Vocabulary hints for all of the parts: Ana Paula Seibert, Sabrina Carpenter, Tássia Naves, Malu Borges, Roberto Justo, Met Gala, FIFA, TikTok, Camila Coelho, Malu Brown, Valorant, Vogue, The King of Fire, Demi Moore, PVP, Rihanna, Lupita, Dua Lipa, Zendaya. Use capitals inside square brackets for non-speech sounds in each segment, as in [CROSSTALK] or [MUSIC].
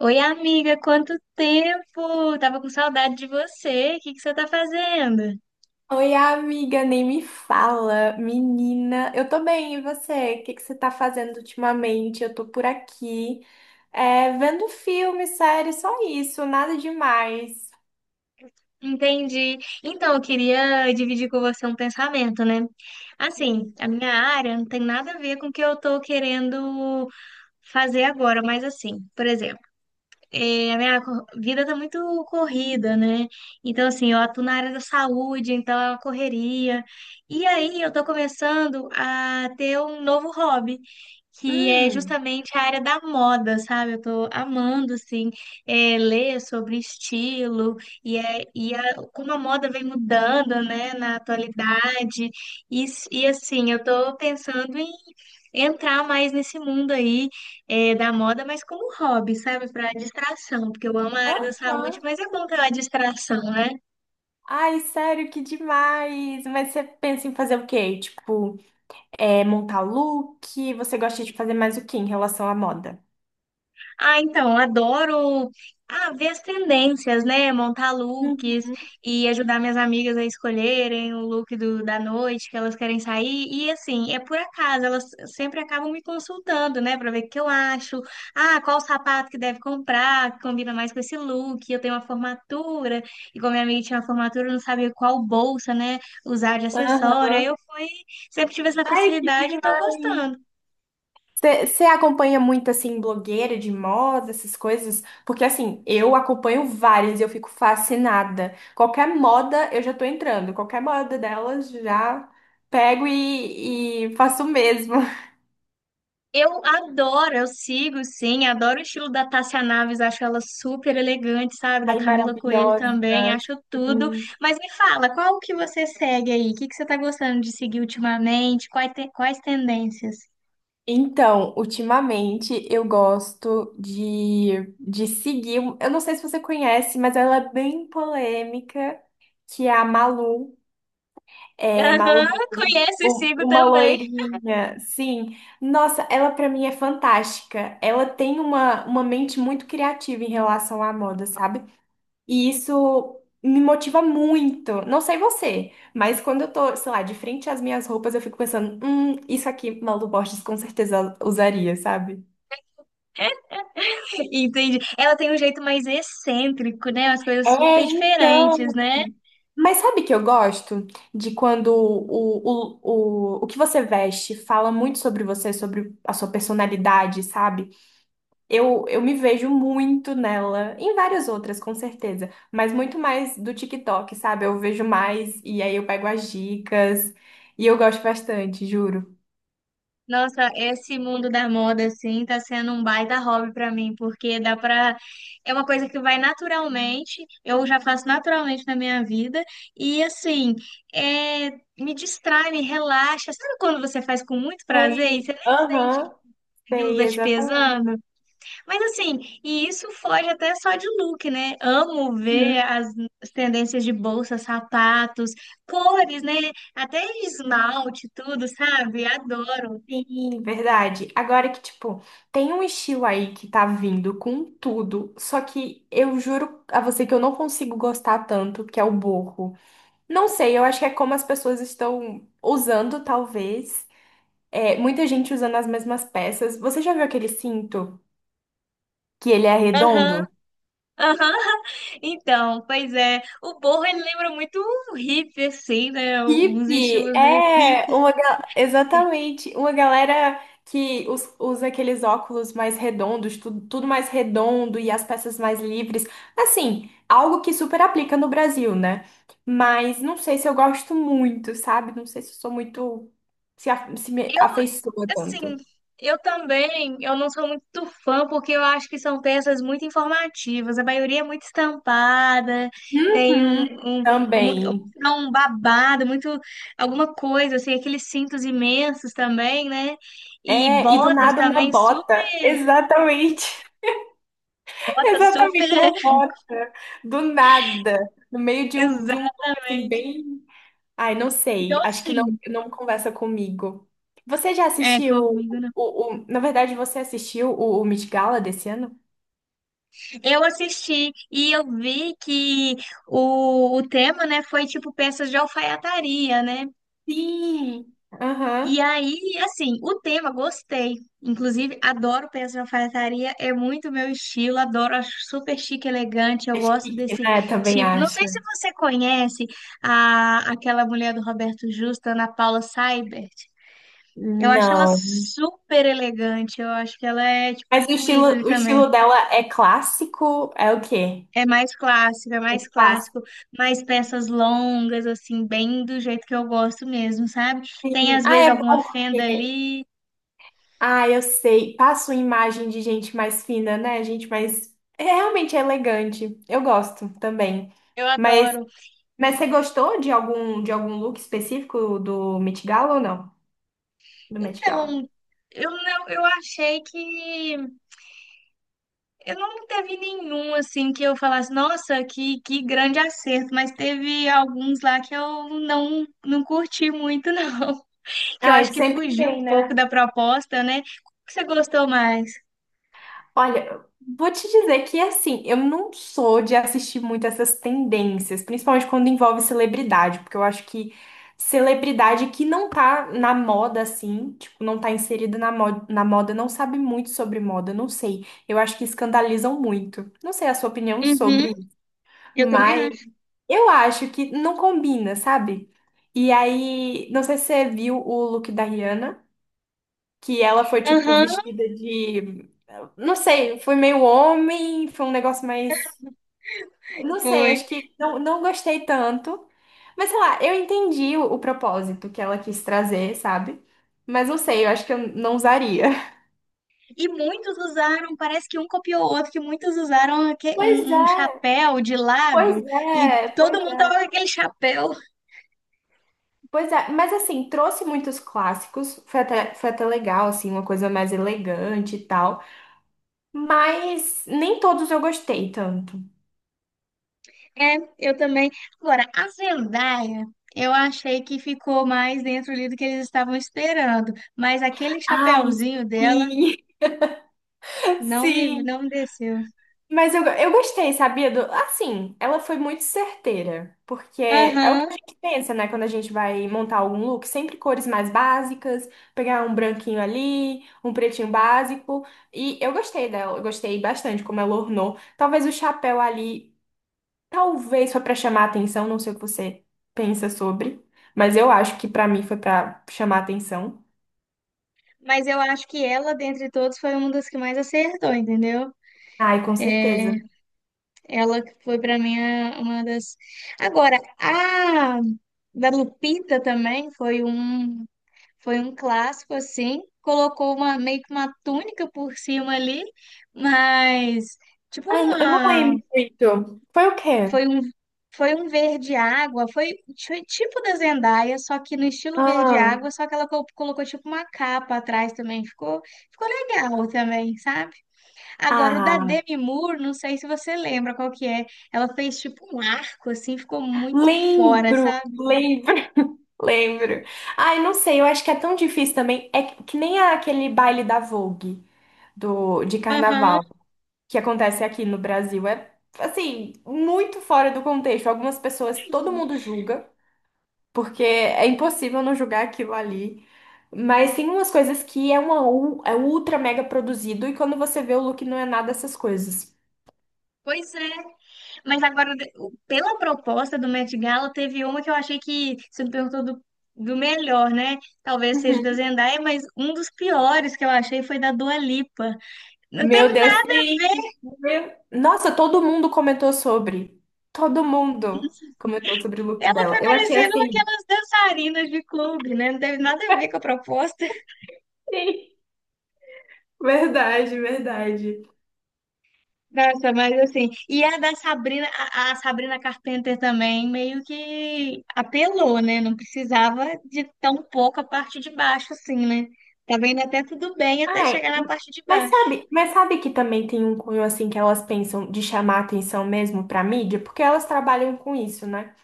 Oi, amiga, quanto tempo! Tava com saudade de você. O que que você tá fazendo? Oi, amiga, nem me fala, menina. Eu tô bem, e você? O que que você tá fazendo ultimamente? Eu tô por aqui, vendo filme, série, só isso, nada demais. Entendi. Então, eu queria dividir com você um pensamento, né? Assim, Hum. a minha área não tem nada a ver com o que eu tô querendo fazer agora, mas assim, por exemplo, a minha vida tá muito corrida, né? Então, assim, eu atuo na área da saúde, então é uma correria. E aí, eu tô começando a ter um novo hobby, que é Hum, justamente a área da moda, sabe? Eu tô amando, assim, ler sobre estilo e, e como a moda vem mudando, né, na atualidade. E assim, eu tô pensando em entrar mais nesse mundo aí, é, da moda, mas como hobby, sabe? Para distração, porque eu amo a área da aham. saúde, mas é bom ter uma distração, né? Ai, sério, que demais! Mas você pensa em fazer o quê? Montar look? Você gosta de fazer mais o quê em relação à moda? Ah, então, adoro, ver as tendências, né? Montar Hum, looks e ajudar minhas amigas a escolherem o look da noite que elas querem sair. E assim, é por acaso, elas sempre acabam me consultando, né? Pra ver o que eu acho. Ah, qual sapato que deve comprar, que combina mais com esse look. Eu tenho uma formatura, e como minha amiga tinha uma formatura, eu não sabia qual bolsa, né? Usar de acessório. Aí Aham. eu fui, sempre tive essa Ai, que facilidade e tô demais! gostando. Você acompanha muito, assim, blogueira de moda, essas coisas? Porque, assim, eu acompanho várias e eu fico fascinada. Qualquer moda, eu já tô entrando. Qualquer moda delas, já pego e faço o mesmo. [LAUGHS] Eu adoro, eu sigo, sim, adoro o estilo da Tássia Naves, acho ela super elegante, sabe? Da Ai, Camila Coelho maravilhosa. também, acho tudo. Sim. Mas me fala, qual que você segue aí? O que que você tá gostando de seguir ultimamente? Quais, quais tendências? Então, ultimamente, eu gosto de seguir... Eu não sei se você conhece, mas ela é bem polêmica, que é a Malu. É, Malu Aham, Brown, conheço e sigo uma também. loirinha, sim. Nossa, ela pra mim é fantástica. Ela tem uma mente muito criativa em relação à moda, sabe? E isso me motiva muito. Não sei você, mas quando eu tô, sei lá, de frente às minhas roupas, eu fico pensando, isso aqui Malu Borges com certeza usaria, sabe? [LAUGHS] Entendi. Ela tem um jeito mais excêntrico, né? Umas coisas É, super diferentes, então. né? Mas sabe que eu gosto de quando o que você veste fala muito sobre você, sobre a sua personalidade, sabe? Eu me vejo muito nela, em várias outras, com certeza, mas muito mais do TikTok, sabe? Eu vejo mais e aí eu pego as dicas e eu gosto bastante, juro. Nossa, esse mundo da moda, assim, tá sendo um baita hobby pra mim, porque dá pra. É uma coisa que vai naturalmente, eu já faço naturalmente na minha vida, e assim, é... me distrai, me relaxa. Sabe quando você faz com muito prazer e Sei, você nem sente que aham, aquilo sei, tá te exatamente. pesando? Mas assim, e isso foge até só de look, né? Amo ver as tendências de bolsa, sapatos, cores, né? Até esmalte, tudo, sabe? Adoro. Sim, verdade. Agora que, tipo, tem um estilo aí que tá vindo com tudo, só que eu juro a você que eu não consigo gostar tanto, que é o boho. Não sei, eu acho que é como as pessoas estão usando, talvez. É, muita gente usando as mesmas peças. Você já viu aquele cinto que ele é Aham. redondo? Aham. [LAUGHS] Então, pois é, o Borro, ele lembra muito o hip, assim, né? Uns Hippie estilos meio hip. é uma ga- Exatamente uma galera que usa aqueles óculos mais redondos, tudo, tudo mais redondo e as peças mais livres. Assim, algo que super aplica no Brasil, né? Mas não sei se eu gosto muito, sabe? Não sei se eu sou muito se me Eu, afeiçoa assim, tanto. eu também, eu não sou muito fã, porque eu acho que são peças muito informativas. A maioria é muito estampada, tem Uhum, um, mu- também. é um babado, muito, alguma coisa, assim, aqueles cintos imensos também, né? E É, e do botas nada uma também, bota. super, Exatamente. botas super. Exatamente, uma [LAUGHS] bota, do nada, no meio de um look assim, Exatamente. bem. Ai, não Então, sei, acho que não, assim. não conversa comigo. Você já É, assistiu comigo não. Na verdade, você assistiu o Met Gala desse ano? Eu assisti e eu vi que o tema, né, foi tipo peças de alfaiataria, né? Sim! E Aham. aí, assim, o tema, gostei. Inclusive, adoro peças de alfaiataria, é muito meu estilo, adoro, acho super chique, elegante, eu É gosto chique, desse né? Também tipo. Não sei acho. se você conhece aquela mulher do Roberto Justo, Ana Paula Seibert. Eu acho ela Não. super elegante, eu acho que ela é Mas tipo um ícone o também. estilo dela é clássico? É o quê? É mais Clássico. clássico, mais peças longas, assim, bem do jeito que eu gosto mesmo, sabe? Tem Sim. às Ah, vezes é alguma bom. fenda ali, Ah, eu sei. Passa uma imagem de gente mais fina, né? Gente mais. É realmente é elegante. Eu gosto também. eu Mas, adoro. mas você gostou de de algum look específico do Met Gala ou não? Do Met Gala. Então, eu não, eu achei que eu não teve nenhum assim que eu falasse, nossa, que grande acerto, mas teve alguns lá que eu não curti muito, não. [LAUGHS] Que eu Ah, acho que sempre fugiu um tem, pouco né? da proposta, né? O que você gostou mais? Olha, vou te dizer que assim, eu não sou de assistir muito essas tendências, principalmente quando envolve celebridade, porque eu acho que celebridade que não tá na moda assim, tipo, não tá inserida na moda, não sabe muito sobre moda, não sei. Eu acho que escandalizam muito. Não sei a sua opinião Uhum, sobre, isso, eu também mas acho. eu acho que não combina, sabe? E aí, não sei se você viu o look da Rihanna que ela foi tipo Aham, vestida de, não sei, foi meio homem, foi um negócio mais, não sei, foi. acho que não, não gostei tanto. Mas sei lá, eu entendi o propósito que ela quis trazer, sabe? Mas não sei, eu acho que eu não usaria. [LAUGHS] E muitos usaram, parece que um copiou o outro, que muitos usaram Pois um é, chapéu de pois lado e é, pois todo mundo é, tava com aquele chapéu. pois é. Mas assim, trouxe muitos clássicos, foi até legal, assim, uma coisa mais elegante e tal. Mas nem todos eu gostei tanto. É, eu também. Agora, a Zendaya, eu achei que ficou mais dentro ali do que eles estavam esperando, mas aquele Ai, chapéuzinho dela sim, [LAUGHS] sim. não me desceu. Mas eu gostei, sabia? Do, assim, ela foi muito certeira, porque é o que Aham, a gente pensa, né? Quando a gente vai montar algum look, sempre cores mais básicas, pegar um branquinho ali, um pretinho básico. E eu gostei dela, eu gostei bastante como ela ornou. Talvez o chapéu ali, talvez foi pra chamar atenção, não sei o que você pensa sobre, mas eu acho que pra mim foi pra chamar atenção. mas eu acho que ela, dentre todos, foi uma das que mais acertou, entendeu? Ai, com É, certeza. ela que foi pra mim uma das. Agora, a da Lupita também foi um, foi um clássico assim, colocou uma, meio que uma túnica por cima ali, mas tipo Ai, eu não uma, lembro muito. Foi o quê? foi um, foi um verde água, foi tipo da Zendaya, só que no estilo verde água, só que ela colocou tipo uma capa atrás também, ficou ficou legal também, sabe? Agora o da Ah. Demi Moore, não sei se você lembra qual que é. Ela fez tipo um arco assim, ficou muito fora, Lembro, sabe? lembro, [LAUGHS] lembro. Ai, não sei, eu acho que é tão difícil também. É que nem aquele baile da Vogue de Aham. carnaval que acontece aqui no Brasil. É, assim, muito fora do contexto. Algumas pessoas, todo mundo julga, porque é impossível não julgar aquilo ali. Mas tem umas coisas que é é ultra mega produzido e quando você vê o look não é nada dessas coisas. Pois é. Mas agora, pela proposta do Met Gala, teve uma que eu achei, que você me perguntou do, do melhor, né? Talvez seja da Zendaya, mas um dos piores que eu achei foi da Dua Lipa. Não Meu teve Deus, nada a sim. ver, Meu- Nossa, todo mundo comentou sobre. Todo mundo comentou sobre o look ela dela. foi Eu achei parecendo assim. aquelas dançarinas de clube, né? Não teve nada a ver com a proposta. [LAUGHS] Sim, verdade, verdade. Nossa, mas assim, e a da Sabrina, a Sabrina Carpenter também, meio que apelou, né? Não precisava de tão pouco a parte de baixo, assim, né? Tá vendo até tudo bem até Ai, chegar na parte de baixo. Mas sabe que também tem um cunho assim que elas pensam de chamar atenção mesmo pra mídia, porque elas trabalham com isso, né?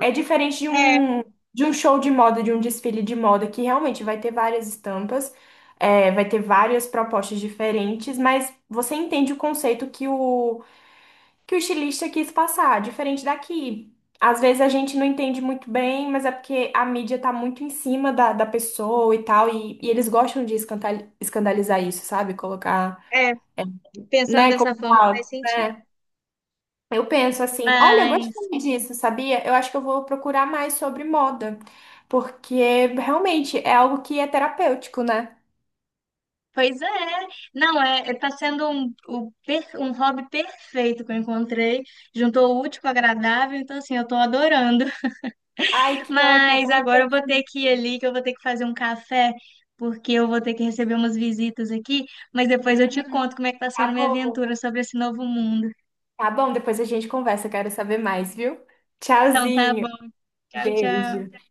É diferente É, de um show de moda, de um desfile de moda, que realmente vai ter várias estampas, é, vai ter várias propostas diferentes, mas você entende o conceito que o estilista quis passar, diferente daqui. Às vezes a gente não entende muito bem, mas é porque a mídia tá muito em cima da pessoa e tal, e eles gostam de escandalizar isso, sabe? Colocar, é, é, pensando né? dessa Como forma faz fala, sentido. né? Eu penso assim, olha, eu Mas, gostei disso, sabia? Eu acho que eu vou procurar mais sobre moda, porque realmente é algo que é terapêutico, né? pois é, não, tá sendo um, um hobby perfeito que eu encontrei. Juntou o útil com o agradável, então assim, eu tô adorando. Ai, [LAUGHS] que ótimo, eu Mas tô muito agora eu vou feliz. ter que ir ali, que eu vou ter que fazer um café, porque eu vou ter que receber umas visitas aqui, mas depois eu Hum, te conto como é que tá tá sendo minha bom. aventura sobre esse novo mundo. Tá bom, depois a gente conversa, quero saber mais, viu? Então tá bom, Tchauzinho. tchau, tchau. Beijo.